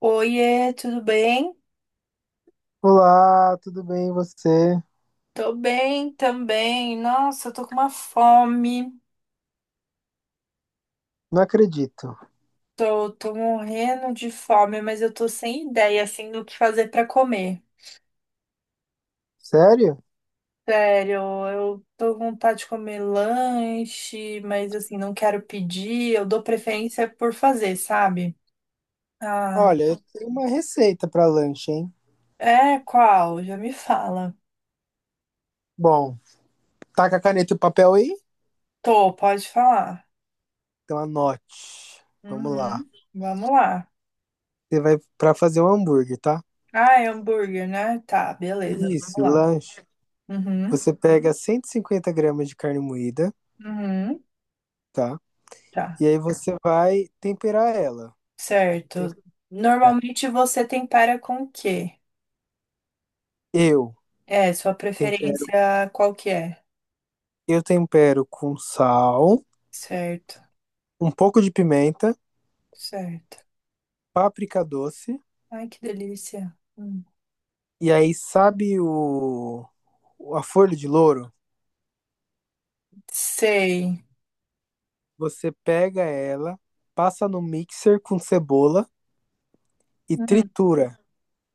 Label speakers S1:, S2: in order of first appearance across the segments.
S1: Oiê, tudo bem?
S2: Olá, tudo bem e você?
S1: Tô bem também. Nossa, eu tô com uma fome.
S2: Não acredito.
S1: Tô morrendo de fome, mas eu tô sem ideia, assim, do que fazer pra comer.
S2: Sério?
S1: Sério, eu tô com vontade de comer lanche, mas, assim, não quero pedir. Eu dou preferência por fazer, sabe? Ah,
S2: Olha, eu tenho uma receita para lanche, hein?
S1: é qual? Já me fala.
S2: Bom, tá com a caneta e o papel aí?
S1: Tô, pode falar.
S2: Então anote. Vamos lá.
S1: Uhum, vamos lá.
S2: Você vai para fazer um hambúrguer, tá?
S1: Ah, é hambúrguer, né? Tá, beleza, vamos
S2: Isso,
S1: lá.
S2: lanche.
S1: Uhum,
S2: Você pega 150 gramas de carne moída,
S1: uhum,
S2: tá?
S1: tá.
S2: E aí você vai temperar ela.
S1: Certo.
S2: Tempera.
S1: Normalmente você tempera com o quê?
S2: Eu
S1: É, sua
S2: tempero,
S1: preferência qual que é?
S2: eu tempero com sal,
S1: Certo,
S2: um pouco de pimenta,
S1: certo.
S2: páprica doce.
S1: Ai, que delícia. Hum.
S2: E aí, sabe o a folha de louro?
S1: Sei.
S2: Você pega ela, passa no mixer com cebola e
S1: Hum,
S2: tritura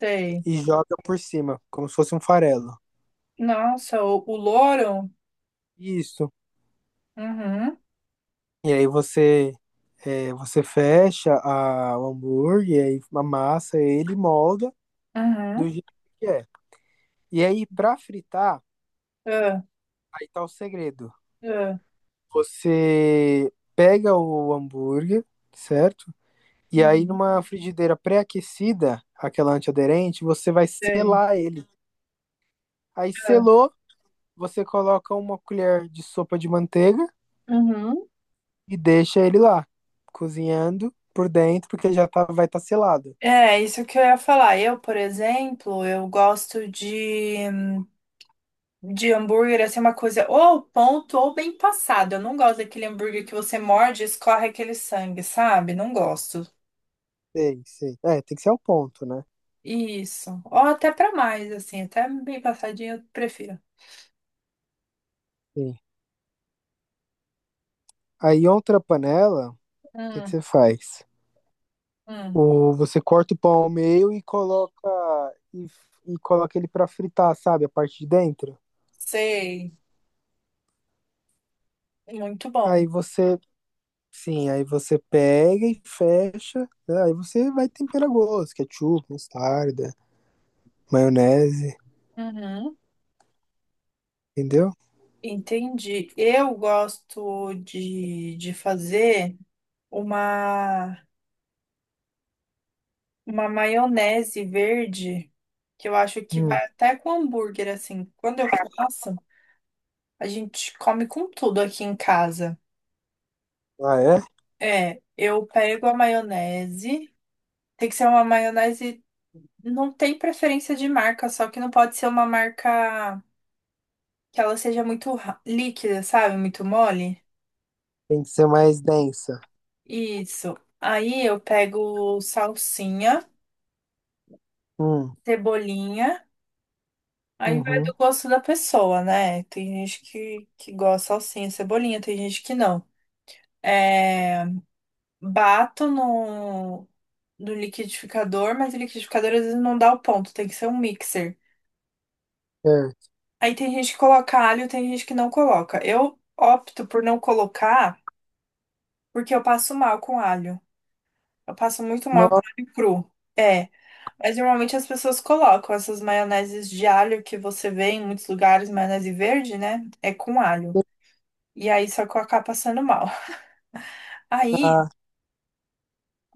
S1: sei.
S2: e joga por cima, como se fosse um farelo.
S1: Nossa, o louro?
S2: Isso.
S1: Uhum,
S2: E aí você é, você fecha o hambúrguer, aí amassa ele, e molda do
S1: uhum.
S2: jeito que é. E aí, pra fritar,
S1: Ah,
S2: aí tá o segredo.
S1: ah,
S2: Você pega o hambúrguer, certo? E aí,
S1: uhum.
S2: numa frigideira pré-aquecida, aquela antiaderente, você vai
S1: Sei.
S2: selar ele. Aí,
S1: Ah,
S2: selou, você coloca uma colher de sopa de manteiga
S1: uhum.
S2: e deixa ele lá, cozinhando por dentro, porque já tá, vai estar selado.
S1: É, isso que eu ia falar. Eu, por exemplo, eu gosto de hambúrguer, assim, é uma coisa ou ao ponto ou bem passado. Eu não gosto daquele hambúrguer que você morde e escorre aquele sangue, sabe? Não gosto.
S2: Sei, sei. É, tem que ser ao ponto, né?
S1: Isso. Ou até pra mais, assim, até bem passadinho eu prefiro.
S2: Sim. Aí, outra panela, o que que
S1: Hum,
S2: você faz?
S1: hum.
S2: O, você corta o pão ao meio e coloca, e, e coloca ele para fritar, sabe? A parte de dentro.
S1: Sei. Muito bom.
S2: Aí você Sim, aí você pega e fecha, né? Aí você vai tempera a gosto, ketchup, mostarda, maionese,
S1: Uhum.
S2: entendeu?
S1: Entendi. Eu gosto de fazer uma, uma maionese verde, que eu acho que
S2: Hum.
S1: vai até com hambúrguer, assim. Quando eu faço. A gente come com tudo aqui em casa.
S2: Ah, é?
S1: É, eu pego a maionese. Tem que ser uma maionese. Não tem preferência de marca, só que não pode ser uma marca que ela seja muito ra- líquida, sabe? Muito mole.
S2: Tem que ser mais densa.
S1: Isso. Aí eu pego salsinha,
S2: Hum,
S1: cebolinha. Aí vai
S2: uhum,
S1: do gosto da pessoa, né? Tem gente que gosta de salsinha, cebolinha, tem gente que não. É, bato do liquidificador, mas o liquidificador às vezes não dá o ponto, tem que ser um mixer.
S2: certo.
S1: Aí tem gente que coloca alho, tem gente que não coloca. Eu opto por não colocar porque eu passo mal com alho. Eu passo muito mal com
S2: Nossa,
S1: alho cru. É, mas normalmente as pessoas colocam essas maioneses de alho que você vê em muitos lugares, maionese verde, né? É com alho. E aí só que eu acabo passando mal. Aí
S2: ah,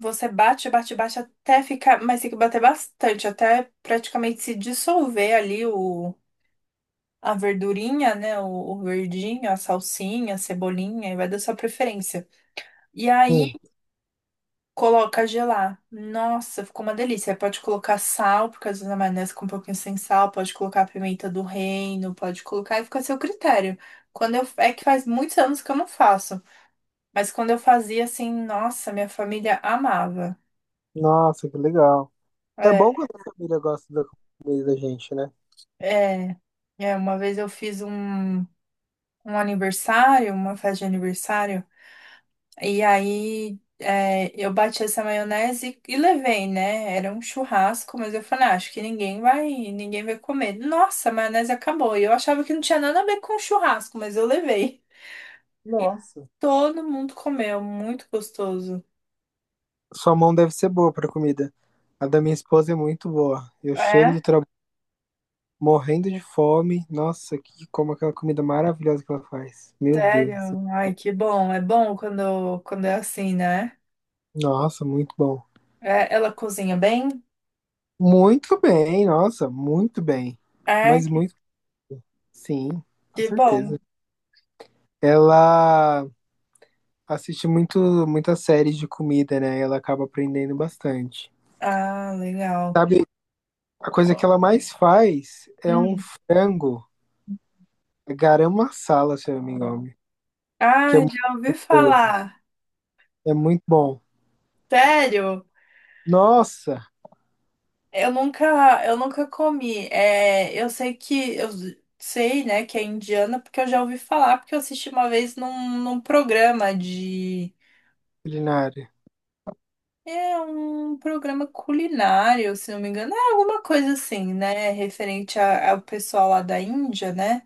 S1: você bate, bate, bate até ficar, mas tem que bater bastante, até praticamente se dissolver ali o a verdurinha, né? O verdinho, a salsinha, a cebolinha, e vai da sua preferência. E aí
S2: sim.
S1: coloca a gelar. Nossa, ficou uma delícia. Aí pode colocar sal, porque às vezes a maionese com um pouquinho sem sal, pode colocar a pimenta do reino, pode colocar e fica a seu critério. Quando eu, é que faz muitos anos que eu não faço, mas quando eu fazia assim, nossa, minha família amava.
S2: Nossa, que legal. É
S1: É,
S2: bom quando a família gosta da comida da gente, né?
S1: é, é, uma vez eu fiz um aniversário, uma festa de aniversário. E aí é, eu bati essa maionese e levei, né? Era um churrasco, mas eu falei, "Ah, acho que ninguém vai comer." Nossa, a maionese acabou. E eu achava que não tinha nada a ver com churrasco, mas eu levei. E
S2: Nossa.
S1: todo mundo comeu, muito gostoso.
S2: Sua mão deve ser boa pra comida. A da minha esposa é muito boa. Eu chego
S1: É?
S2: do trabalho morrendo de fome. Nossa, que como aquela comida maravilhosa que ela faz. Meu Deus.
S1: Sério? Ai, que bom. É bom quando, quando é assim, né?
S2: Nossa, muito bom.
S1: É, ela cozinha bem?
S2: Muito bem, nossa, muito bem.
S1: É,
S2: Mas muito, sim, com
S1: que bom.
S2: certeza. Ela assiste muitas séries de comida, né? Ela acaba aprendendo bastante.
S1: Ah, legal.
S2: Sabe, a coisa que ela mais faz é um
S1: Hum.
S2: frango garam masala, se eu não me engano,
S1: Ah,
S2: que é muito
S1: já ouvi
S2: gostoso,
S1: falar.
S2: é muito bom.
S1: Sério?
S2: Nossa,
S1: Eu nunca, eu nunca comi. É, eu sei que eu sei, né, que é indiana porque eu já ouvi falar, porque eu assisti uma vez num, num programa de
S2: culinária.
S1: é um programa culinário, se não me engano, é alguma coisa assim, né, referente a- ao pessoal lá da Índia, né?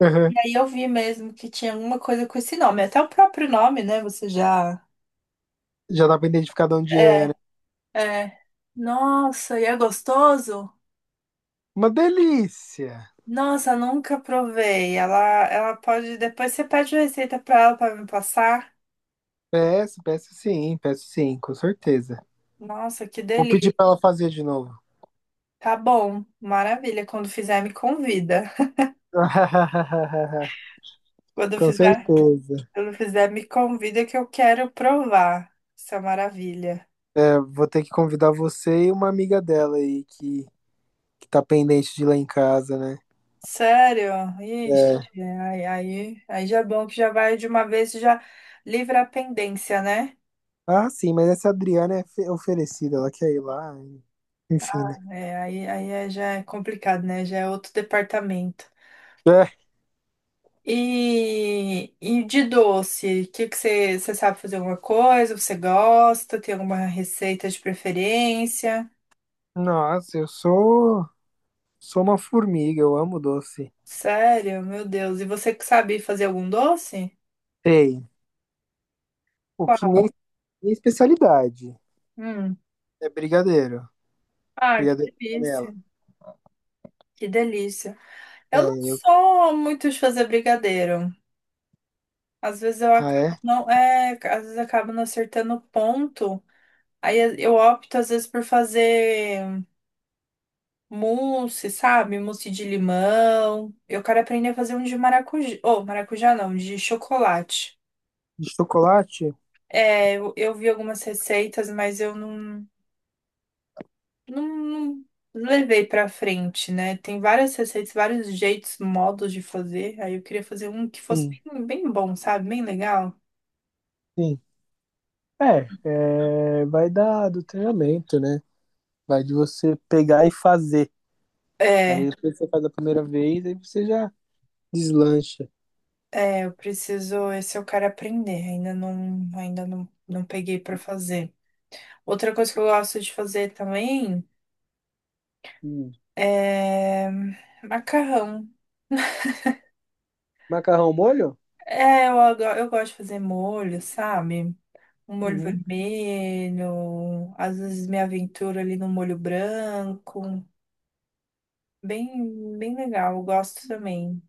S2: Aham.
S1: E aí eu vi mesmo que tinha alguma coisa com esse nome, até o próprio nome, né? Você já
S2: Já dá pra identificar de onde é,
S1: é,
S2: né?
S1: é. Nossa, e é gostoso?
S2: Uma delícia.
S1: Nossa, nunca provei. Ela pode. Depois você pede a receita pra ela pra me passar.
S2: Peço, peço sim, com certeza.
S1: Nossa, que
S2: Vou pedir
S1: delícia.
S2: pra ela fazer de novo.
S1: Tá bom, maravilha. Quando fizer, me convida. Quando
S2: Com
S1: fizer,
S2: certeza.
S1: quando fizer, me convida que eu quero provar essa maravilha.
S2: É, vou ter que convidar você e uma amiga dela aí que tá pendente de ir lá em casa, né?
S1: Sério? Ixi,
S2: É.
S1: aí já é bom que já vai de uma vez e já livra a pendência, né?
S2: Ah, sim, mas essa Adriana é oferecida, ela quer ir lá, enfim, né?
S1: É, aí é- já é complicado, né? Já é outro departamento.
S2: É.
S1: E de doce, o que que você sabe fazer alguma coisa? Você gosta? Tem alguma receita de preferência?
S2: Nossa, eu sou uma formiga, eu amo doce.
S1: Sério? Meu Deus. E você que sabe fazer algum doce?
S2: Ei, o que
S1: Qual?
S2: minha, minha especialidade
S1: Hum.
S2: é brigadeiro,
S1: Ah, que
S2: brigadeiro de panela.
S1: delícia. Que delícia.
S2: É,
S1: Eu não
S2: eu,
S1: sou muito de fazer brigadeiro. Às vezes eu
S2: ah, é?
S1: acabo não, é, às vezes eu acabo não acertando o ponto. Aí eu opto às vezes por fazer mousse, sabe? Mousse de limão. Eu quero aprender a fazer um de maracujá. Oh, maracujá não, de chocolate.
S2: De chocolate?
S1: Eu vi algumas receitas, mas eu não, não levei pra frente, né? Tem várias receitas, vários jeitos, modos de fazer. Aí eu queria fazer um que fosse
S2: Sim,
S1: bem, bem bom, sabe? Bem legal.
S2: sim. É, é, vai dar do treinamento, né? Vai de você pegar e fazer. Aí
S1: É,
S2: depois você faz a primeira vez, aí você já deslancha.
S1: eu preciso, esse eu quero aprender. Ainda não, não peguei pra fazer. Outra coisa que eu gosto de fazer também.
S2: Hum.
S1: É... Macarrão.
S2: Macarrão molho?
S1: É, eu gosto de fazer molho, sabe? Um molho
S2: Uhum.
S1: vermelho, às vezes me aventuro ali no molho branco. Bem, bem legal, eu gosto também.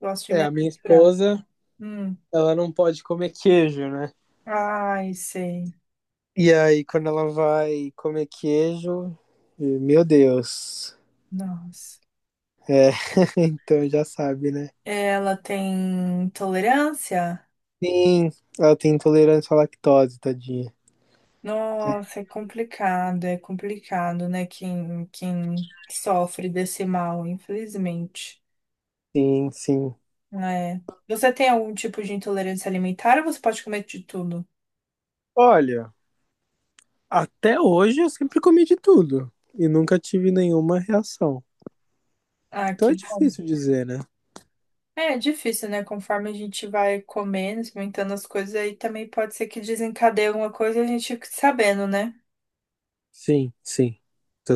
S1: Gosto de
S2: É,
S1: me
S2: a minha
S1: aventurar.
S2: esposa,
S1: Hum.
S2: ela não pode comer queijo, né?
S1: Ai, sei.
S2: E aí, quando ela vai comer queijo, e, meu Deus.
S1: Nossa.
S2: É, então já sabe, né?
S1: Ela tem tolerância?
S2: Sim, ela tem intolerância à lactose, tadinha.
S1: Nossa, é complicado, né? Quem, quem sofre desse mal, infelizmente.
S2: Sim, sim.
S1: É. Você tem algum tipo de intolerância alimentar ou você pode comer de tudo?
S2: Olha, até hoje eu sempre comi de tudo e nunca tive nenhuma reação.
S1: Ah,
S2: Então
S1: que
S2: é
S1: bom.
S2: difícil dizer, né?
S1: É, é difícil, né? Conforme a gente vai comendo, experimentando as coisas, aí também pode ser que desencadeie alguma coisa e a gente fique sabendo, né?
S2: Sim, sim,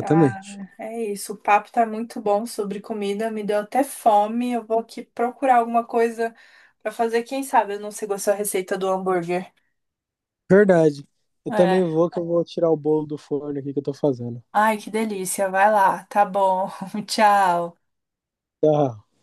S1: Ah, é isso. O papo tá muito bom sobre comida, me deu até fome. Eu vou aqui procurar alguma coisa pra fazer. Quem sabe eu não sei gostar da receita do hambúrguer.
S2: Verdade. Eu também
S1: É.
S2: vou que eu vou tirar o bolo do forno aqui que eu tô fazendo.
S1: Ai, que delícia. Vai lá. Tá bom. Tchau.
S2: Tá.